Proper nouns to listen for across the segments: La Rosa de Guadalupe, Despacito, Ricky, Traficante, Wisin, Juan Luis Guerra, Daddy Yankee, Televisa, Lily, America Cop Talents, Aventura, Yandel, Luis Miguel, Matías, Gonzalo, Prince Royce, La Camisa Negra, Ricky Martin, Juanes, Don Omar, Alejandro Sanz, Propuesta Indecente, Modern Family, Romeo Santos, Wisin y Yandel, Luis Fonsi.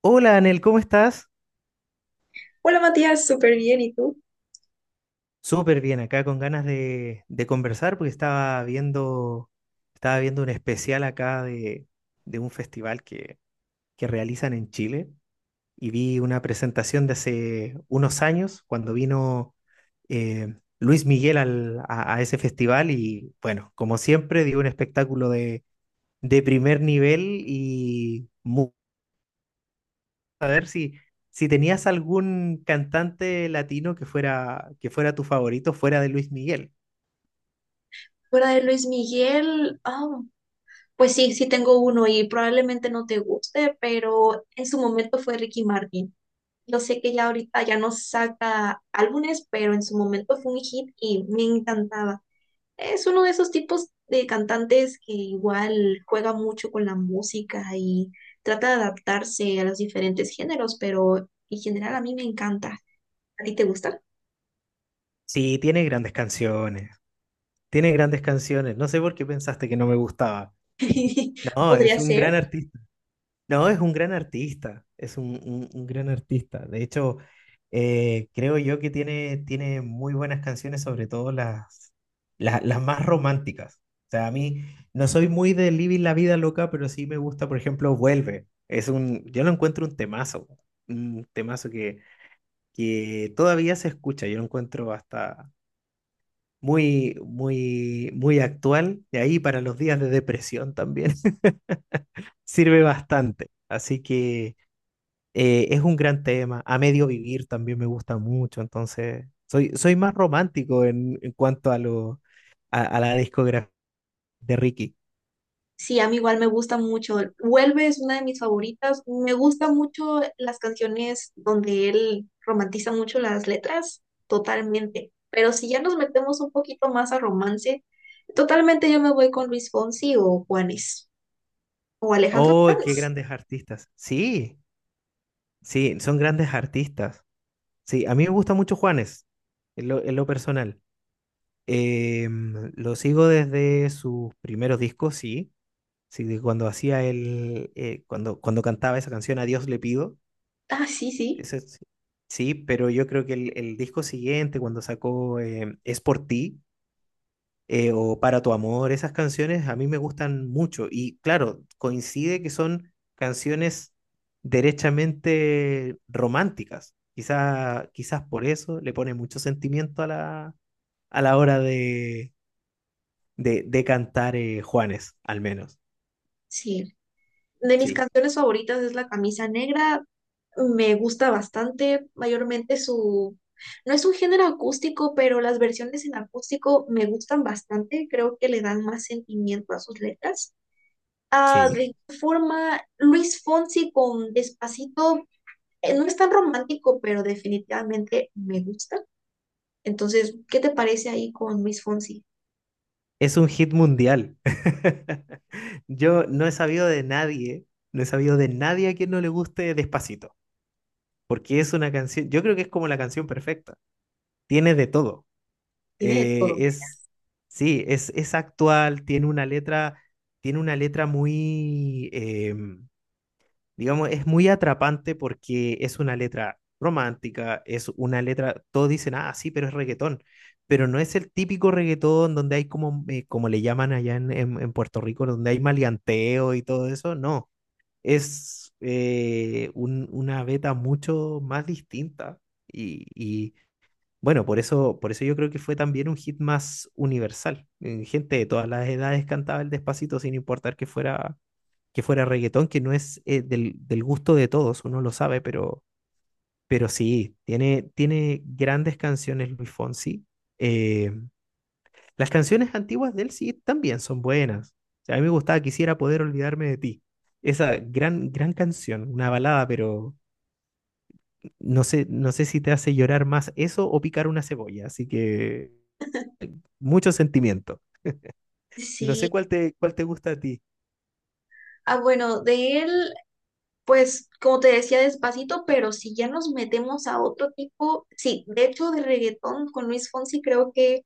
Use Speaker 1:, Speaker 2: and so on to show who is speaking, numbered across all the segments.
Speaker 1: Hola, Anel, ¿cómo estás?
Speaker 2: Hola Matías, súper bien, ¿y tú?
Speaker 1: Súper bien, acá con ganas de conversar porque estaba estaba viendo un especial acá de un festival que realizan en Chile y vi una presentación de hace unos años cuando vino eh, Luis Miguel a ese festival y bueno, como siempre, dio un espectáculo de primer nivel y saber si tenías algún cantante latino que fuera tu favorito fuera de Luis Miguel.
Speaker 2: Fuera de Luis Miguel, pues sí, tengo uno y probablemente no te guste, pero en su momento fue Ricky Martin. Yo sé que ya ahorita ya no saca álbumes, pero en su momento fue un hit y me encantaba. Es uno de esos tipos de cantantes que igual juega mucho con la música y trata de adaptarse a los diferentes géneros, pero en general a mí me encanta. ¿A ti te gusta?
Speaker 1: Sí, tiene grandes canciones, tiene grandes canciones. No sé por qué pensaste que no me gustaba. No, es
Speaker 2: Podría
Speaker 1: un
Speaker 2: ser.
Speaker 1: gran artista. No, es un gran artista, es un gran artista. De hecho, creo yo que tiene muy buenas canciones, sobre todo las más románticas. O sea, a mí no soy muy de Living la Vida Loca, pero sí me gusta, por ejemplo, Vuelve. Es un, yo lo encuentro un temazo, un temazo que todavía se escucha. Yo lo encuentro hasta muy actual. Y ahí para los días de depresión también sirve bastante. Así que... Es un gran tema. A medio vivir también me gusta mucho, entonces soy más romántico en cuanto a la discografía de Ricky.
Speaker 2: Sí, a mí igual me gusta mucho. Vuelve es una de mis favoritas. Me gustan mucho las canciones donde él romantiza mucho las letras, totalmente. Pero si ya nos metemos un poquito más a romance, totalmente yo me voy con Luis Fonsi o Juanes o Alejandro
Speaker 1: ¡Oh, qué
Speaker 2: Sanz.
Speaker 1: grandes artistas! Sí, sí, son grandes artistas. Sí, a mí me gusta mucho Juanes, en lo personal. Lo sigo desde sus primeros discos, sí. Sí, de cuando hacía cuando cantaba esa canción A Dios le pido.
Speaker 2: Ah, sí, sí,
Speaker 1: Ese sí. Sí, pero yo creo que el disco siguiente, cuando sacó Es por ti o Para tu amor, esas canciones a mí me gustan mucho. Y claro, coincide que son canciones derechamente románticas. Quizás por eso le pone mucho sentimiento a a la hora de cantar, Juanes, al menos.
Speaker 2: sí. De mis
Speaker 1: Sí,
Speaker 2: canciones favoritas es La Camisa Negra. Me gusta bastante, mayormente su... No es un género acústico, pero las versiones en acústico me gustan bastante. Creo que le dan más sentimiento a sus letras. Ah,
Speaker 1: sí.
Speaker 2: de igual forma, Luis Fonsi con Despacito, no es tan romántico, pero definitivamente me gusta. Entonces, ¿qué te parece ahí con Luis Fonsi?
Speaker 1: Es un hit mundial. Yo no he sabido de nadie, no he sabido de nadie a quien no le guste Despacito, porque es una canción, yo creo que es como la canción perfecta. Tiene de todo.
Speaker 2: Tiene de todo.
Speaker 1: Eh, es, sí, es actual, tiene una letra muy, digamos, es muy atrapante porque es una letra romántica, es una letra, todos dicen, ah, sí, pero es reggaetón, pero no es el típico reggaetón donde hay como, como le llaman allá en Puerto Rico, donde hay maleanteo y todo eso, no, es una beta mucho más distinta y, y, bueno, por por eso yo creo que fue también un hit más universal. Gente de todas las edades cantaba el Despacito sin importar que fuera reggaetón, que no es del gusto de todos, uno lo sabe, pero sí, tiene grandes canciones Luis Fonsi. Eh, las canciones antiguas de él sí también son buenas. O sea, a mí me gustaba Quisiera poder olvidarme de ti. Esa gran, gran canción, una balada, pero no no sé si te hace llorar más eso o picar una cebolla, así que mucho sentimiento. No sé
Speaker 2: Sí.
Speaker 1: cuál te gusta a ti.
Speaker 2: Ah, bueno, de él pues, como te decía, despacito, pero si ya nos metemos a otro tipo, sí, de hecho, de reggaetón con Luis Fonsi creo que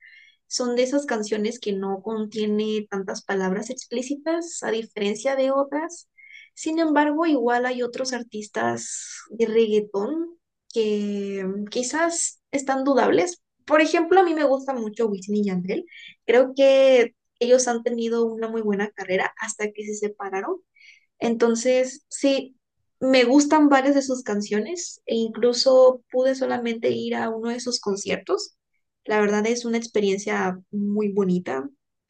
Speaker 2: son de esas canciones que no contiene tantas palabras explícitas, a diferencia de otras. Sin embargo, igual hay otros artistas de reggaetón que mm, quizás están dudables. Por ejemplo, a mí me gusta mucho Wisin y Yandel. Creo que ellos han tenido una muy buena carrera hasta que se separaron, entonces, sí, me gustan varias de sus canciones e incluso pude solamente ir a uno de sus conciertos. La verdad es una experiencia muy bonita.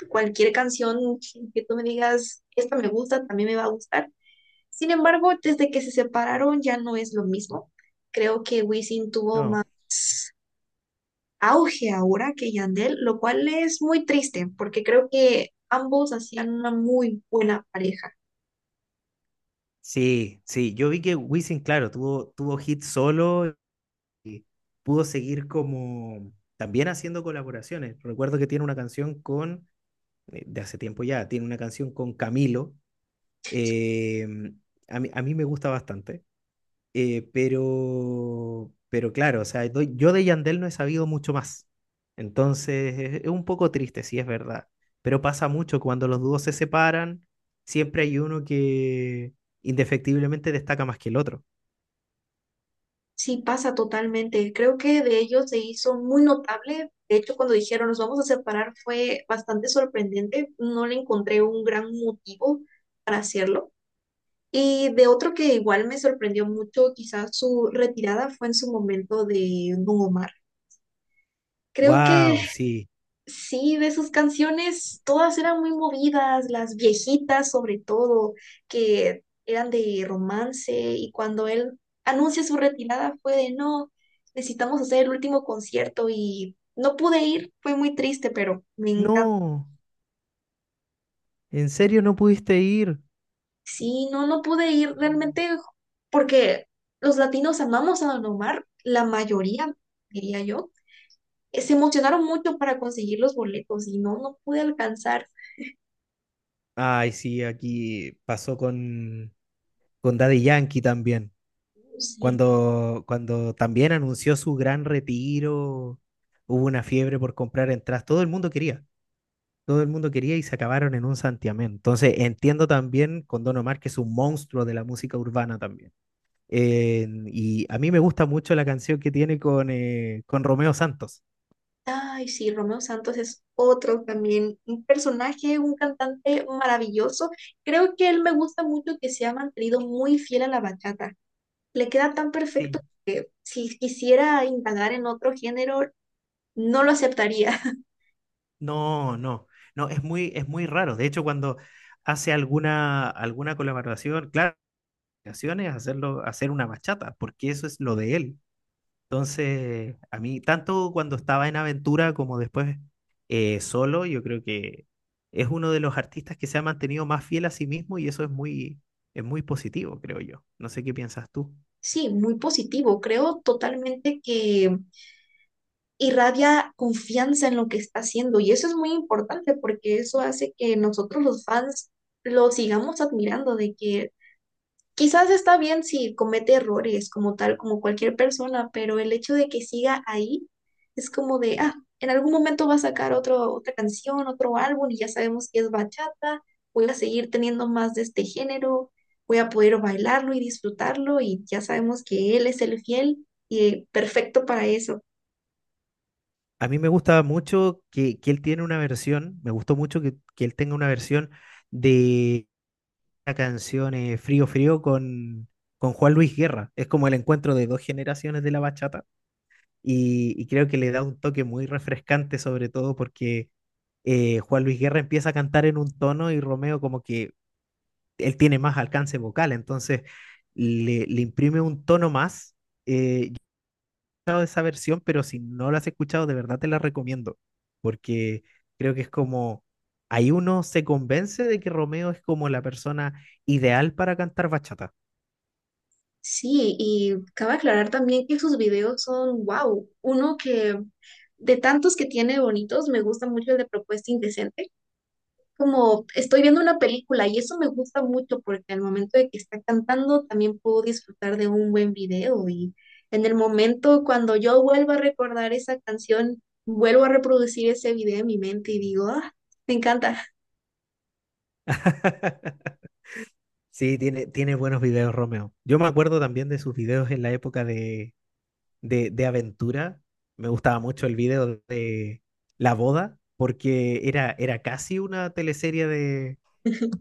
Speaker 2: Cualquier canción que tú me digas, esta me gusta, también me va a gustar. Sin embargo, desde que se separaron ya no es lo mismo. Creo que Wisin tuvo más
Speaker 1: No.
Speaker 2: auge ahora que Yandel, lo cual es muy triste porque creo que ambos hacían una muy buena pareja.
Speaker 1: Sí, sí, yo vi que Wisin, claro, tuvo hit solo y pudo seguir como también haciendo colaboraciones. Recuerdo que tiene una canción con de hace tiempo ya, tiene una canción con Camilo. eh, a mí me gusta bastante, pero claro, o sea, yo de Yandel no he sabido mucho más. Entonces, es un poco triste, sí es verdad, pero pasa mucho cuando los dúos se separan, siempre hay uno que indefectiblemente destaca más que el otro.
Speaker 2: Sí, pasa totalmente. Creo que de ellos se hizo muy notable. De hecho, cuando dijeron nos vamos a separar fue bastante sorprendente. No le encontré un gran motivo para hacerlo. Y de otro que igual me sorprendió mucho, quizás su retirada fue en su momento de Don Omar. Creo que
Speaker 1: Wow, sí.
Speaker 2: sí, de sus canciones, todas eran muy movidas, las viejitas sobre todo, que eran de romance y cuando él anuncia su retirada fue de no, necesitamos hacer el último concierto y no pude ir, fue muy triste, pero me encanta.
Speaker 1: No, ¿en serio no pudiste ir?
Speaker 2: Sí, no, no pude ir realmente porque los latinos amamos a Don Omar, la mayoría, diría yo, se emocionaron mucho para conseguir los boletos y no, no pude alcanzar.
Speaker 1: Ay, sí, aquí pasó con Daddy Yankee también.
Speaker 2: Sí.
Speaker 1: Cuando también anunció su gran retiro, hubo una fiebre por comprar entradas. Todo el mundo quería, todo el mundo quería y se acabaron en un santiamén. Entonces, entiendo también con Don Omar, que es un monstruo de la música urbana también. Y a mí me gusta mucho la canción que tiene con Romeo Santos.
Speaker 2: Ay, sí, Romeo Santos es otro también, un personaje, un cantante maravilloso. Creo que él me gusta mucho que se ha mantenido muy fiel a la bachata. Le queda tan
Speaker 1: Sí.
Speaker 2: perfecto. Si quisiera indagar en otro género, no lo aceptaría.
Speaker 1: No, no, no, es muy raro. De hecho, cuando hace alguna colaboración, claro, ocasiones, hacerlo, hacer una bachata, porque eso es lo de él. Entonces, a mí, tanto cuando estaba en Aventura como después, solo, yo creo que es uno de los artistas que se ha mantenido más fiel a sí mismo y eso es es muy positivo, creo yo. No sé qué piensas tú.
Speaker 2: Sí, muy positivo. Creo totalmente que irradia confianza en lo que está haciendo y eso es muy importante porque eso hace que nosotros los fans lo sigamos admirando, de que quizás está bien si comete errores como tal, como cualquier persona, pero el hecho de que siga ahí es como de, ah, en algún momento va a sacar otra canción, otro álbum y ya sabemos que es bachata, voy a seguir teniendo más de este género, voy a poder bailarlo y disfrutarlo y ya sabemos que él es el fiel y perfecto para eso.
Speaker 1: A mí me gusta mucho que él tiene una versión, me gustó mucho que él tenga una versión de la canción, Frío Frío con Juan Luis Guerra. Es como el encuentro de dos generaciones de la bachata y creo que le da un toque muy refrescante, sobre todo porque, Juan Luis Guerra empieza a cantar en un tono y Romeo, como que él tiene más alcance vocal, entonces le imprime un tono más. Yo esa versión, pero si no la has escuchado, de verdad te la recomiendo, porque creo que es como ahí uno se convence de que Romeo es como la persona ideal para cantar bachata.
Speaker 2: Sí, y cabe aclarar también que sus videos son, wow, uno que de tantos que tiene bonitos, me gusta mucho el de Propuesta Indecente, como estoy viendo una película y eso me gusta mucho porque al momento de que está cantando también puedo disfrutar de un buen video y en el momento cuando yo vuelvo a recordar esa canción, vuelvo a reproducir ese video en mi mente y digo, ah, me encanta.
Speaker 1: Sí, tiene, tiene buenos videos, Romeo. Yo me acuerdo también de sus videos en la época de aventura. Me gustaba mucho el video de La Boda, porque era casi una teleserie de,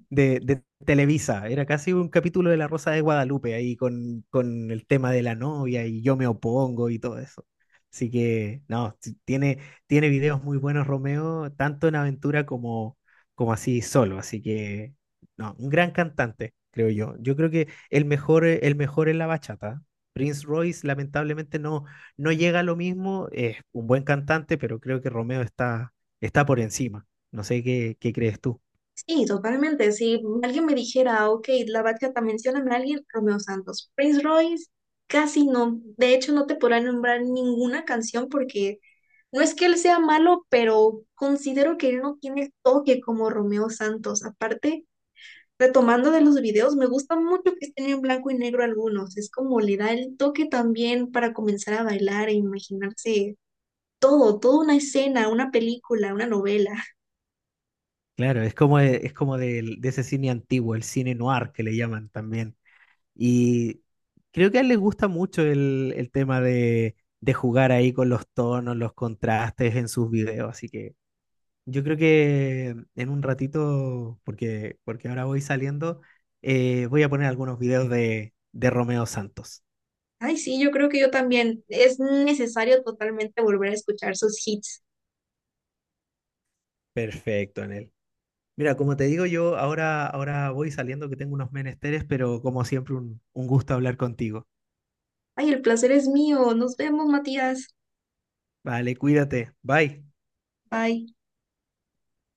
Speaker 1: de, de Televisa. Era casi un capítulo de La Rosa de Guadalupe ahí con el tema de la novia y yo me opongo y todo eso. Así que, no, tiene videos muy buenos Romeo, tanto en aventura como así solo. Así que, no, un gran cantante, creo yo. Yo creo que el el mejor es la bachata. Prince Royce lamentablemente no llega a lo mismo, es un buen cantante, pero creo que Romeo está por encima. No sé qué crees tú.
Speaker 2: Sí, totalmente. Si alguien me dijera, ok, la bachata, mencióname a alguien, Romeo Santos. Prince Royce, casi no. De hecho, no te podrá nombrar ninguna canción porque no es que él sea malo, pero considero que él no tiene el toque como Romeo Santos. Aparte, retomando de los videos, me gusta mucho que estén en blanco y negro algunos. Es como le da el toque también para comenzar a bailar e imaginarse todo, toda una escena, una película, una novela.
Speaker 1: Claro, es como, ese cine antiguo, el cine noir que le llaman también. Y creo que a él le gusta mucho el tema de jugar ahí con los tonos, los contrastes en sus videos. Así que yo creo que en un ratito, porque ahora voy saliendo, voy a poner algunos videos de Romeo Santos.
Speaker 2: Ay, sí, yo creo que yo también. Es necesario totalmente volver a escuchar sus hits.
Speaker 1: Perfecto, en él. Mira, como te digo, yo ahora voy saliendo que tengo unos menesteres, pero como siempre, un gusto hablar contigo.
Speaker 2: Ay, el placer es mío. Nos vemos, Matías.
Speaker 1: Vale, cuídate. Bye.
Speaker 2: Bye.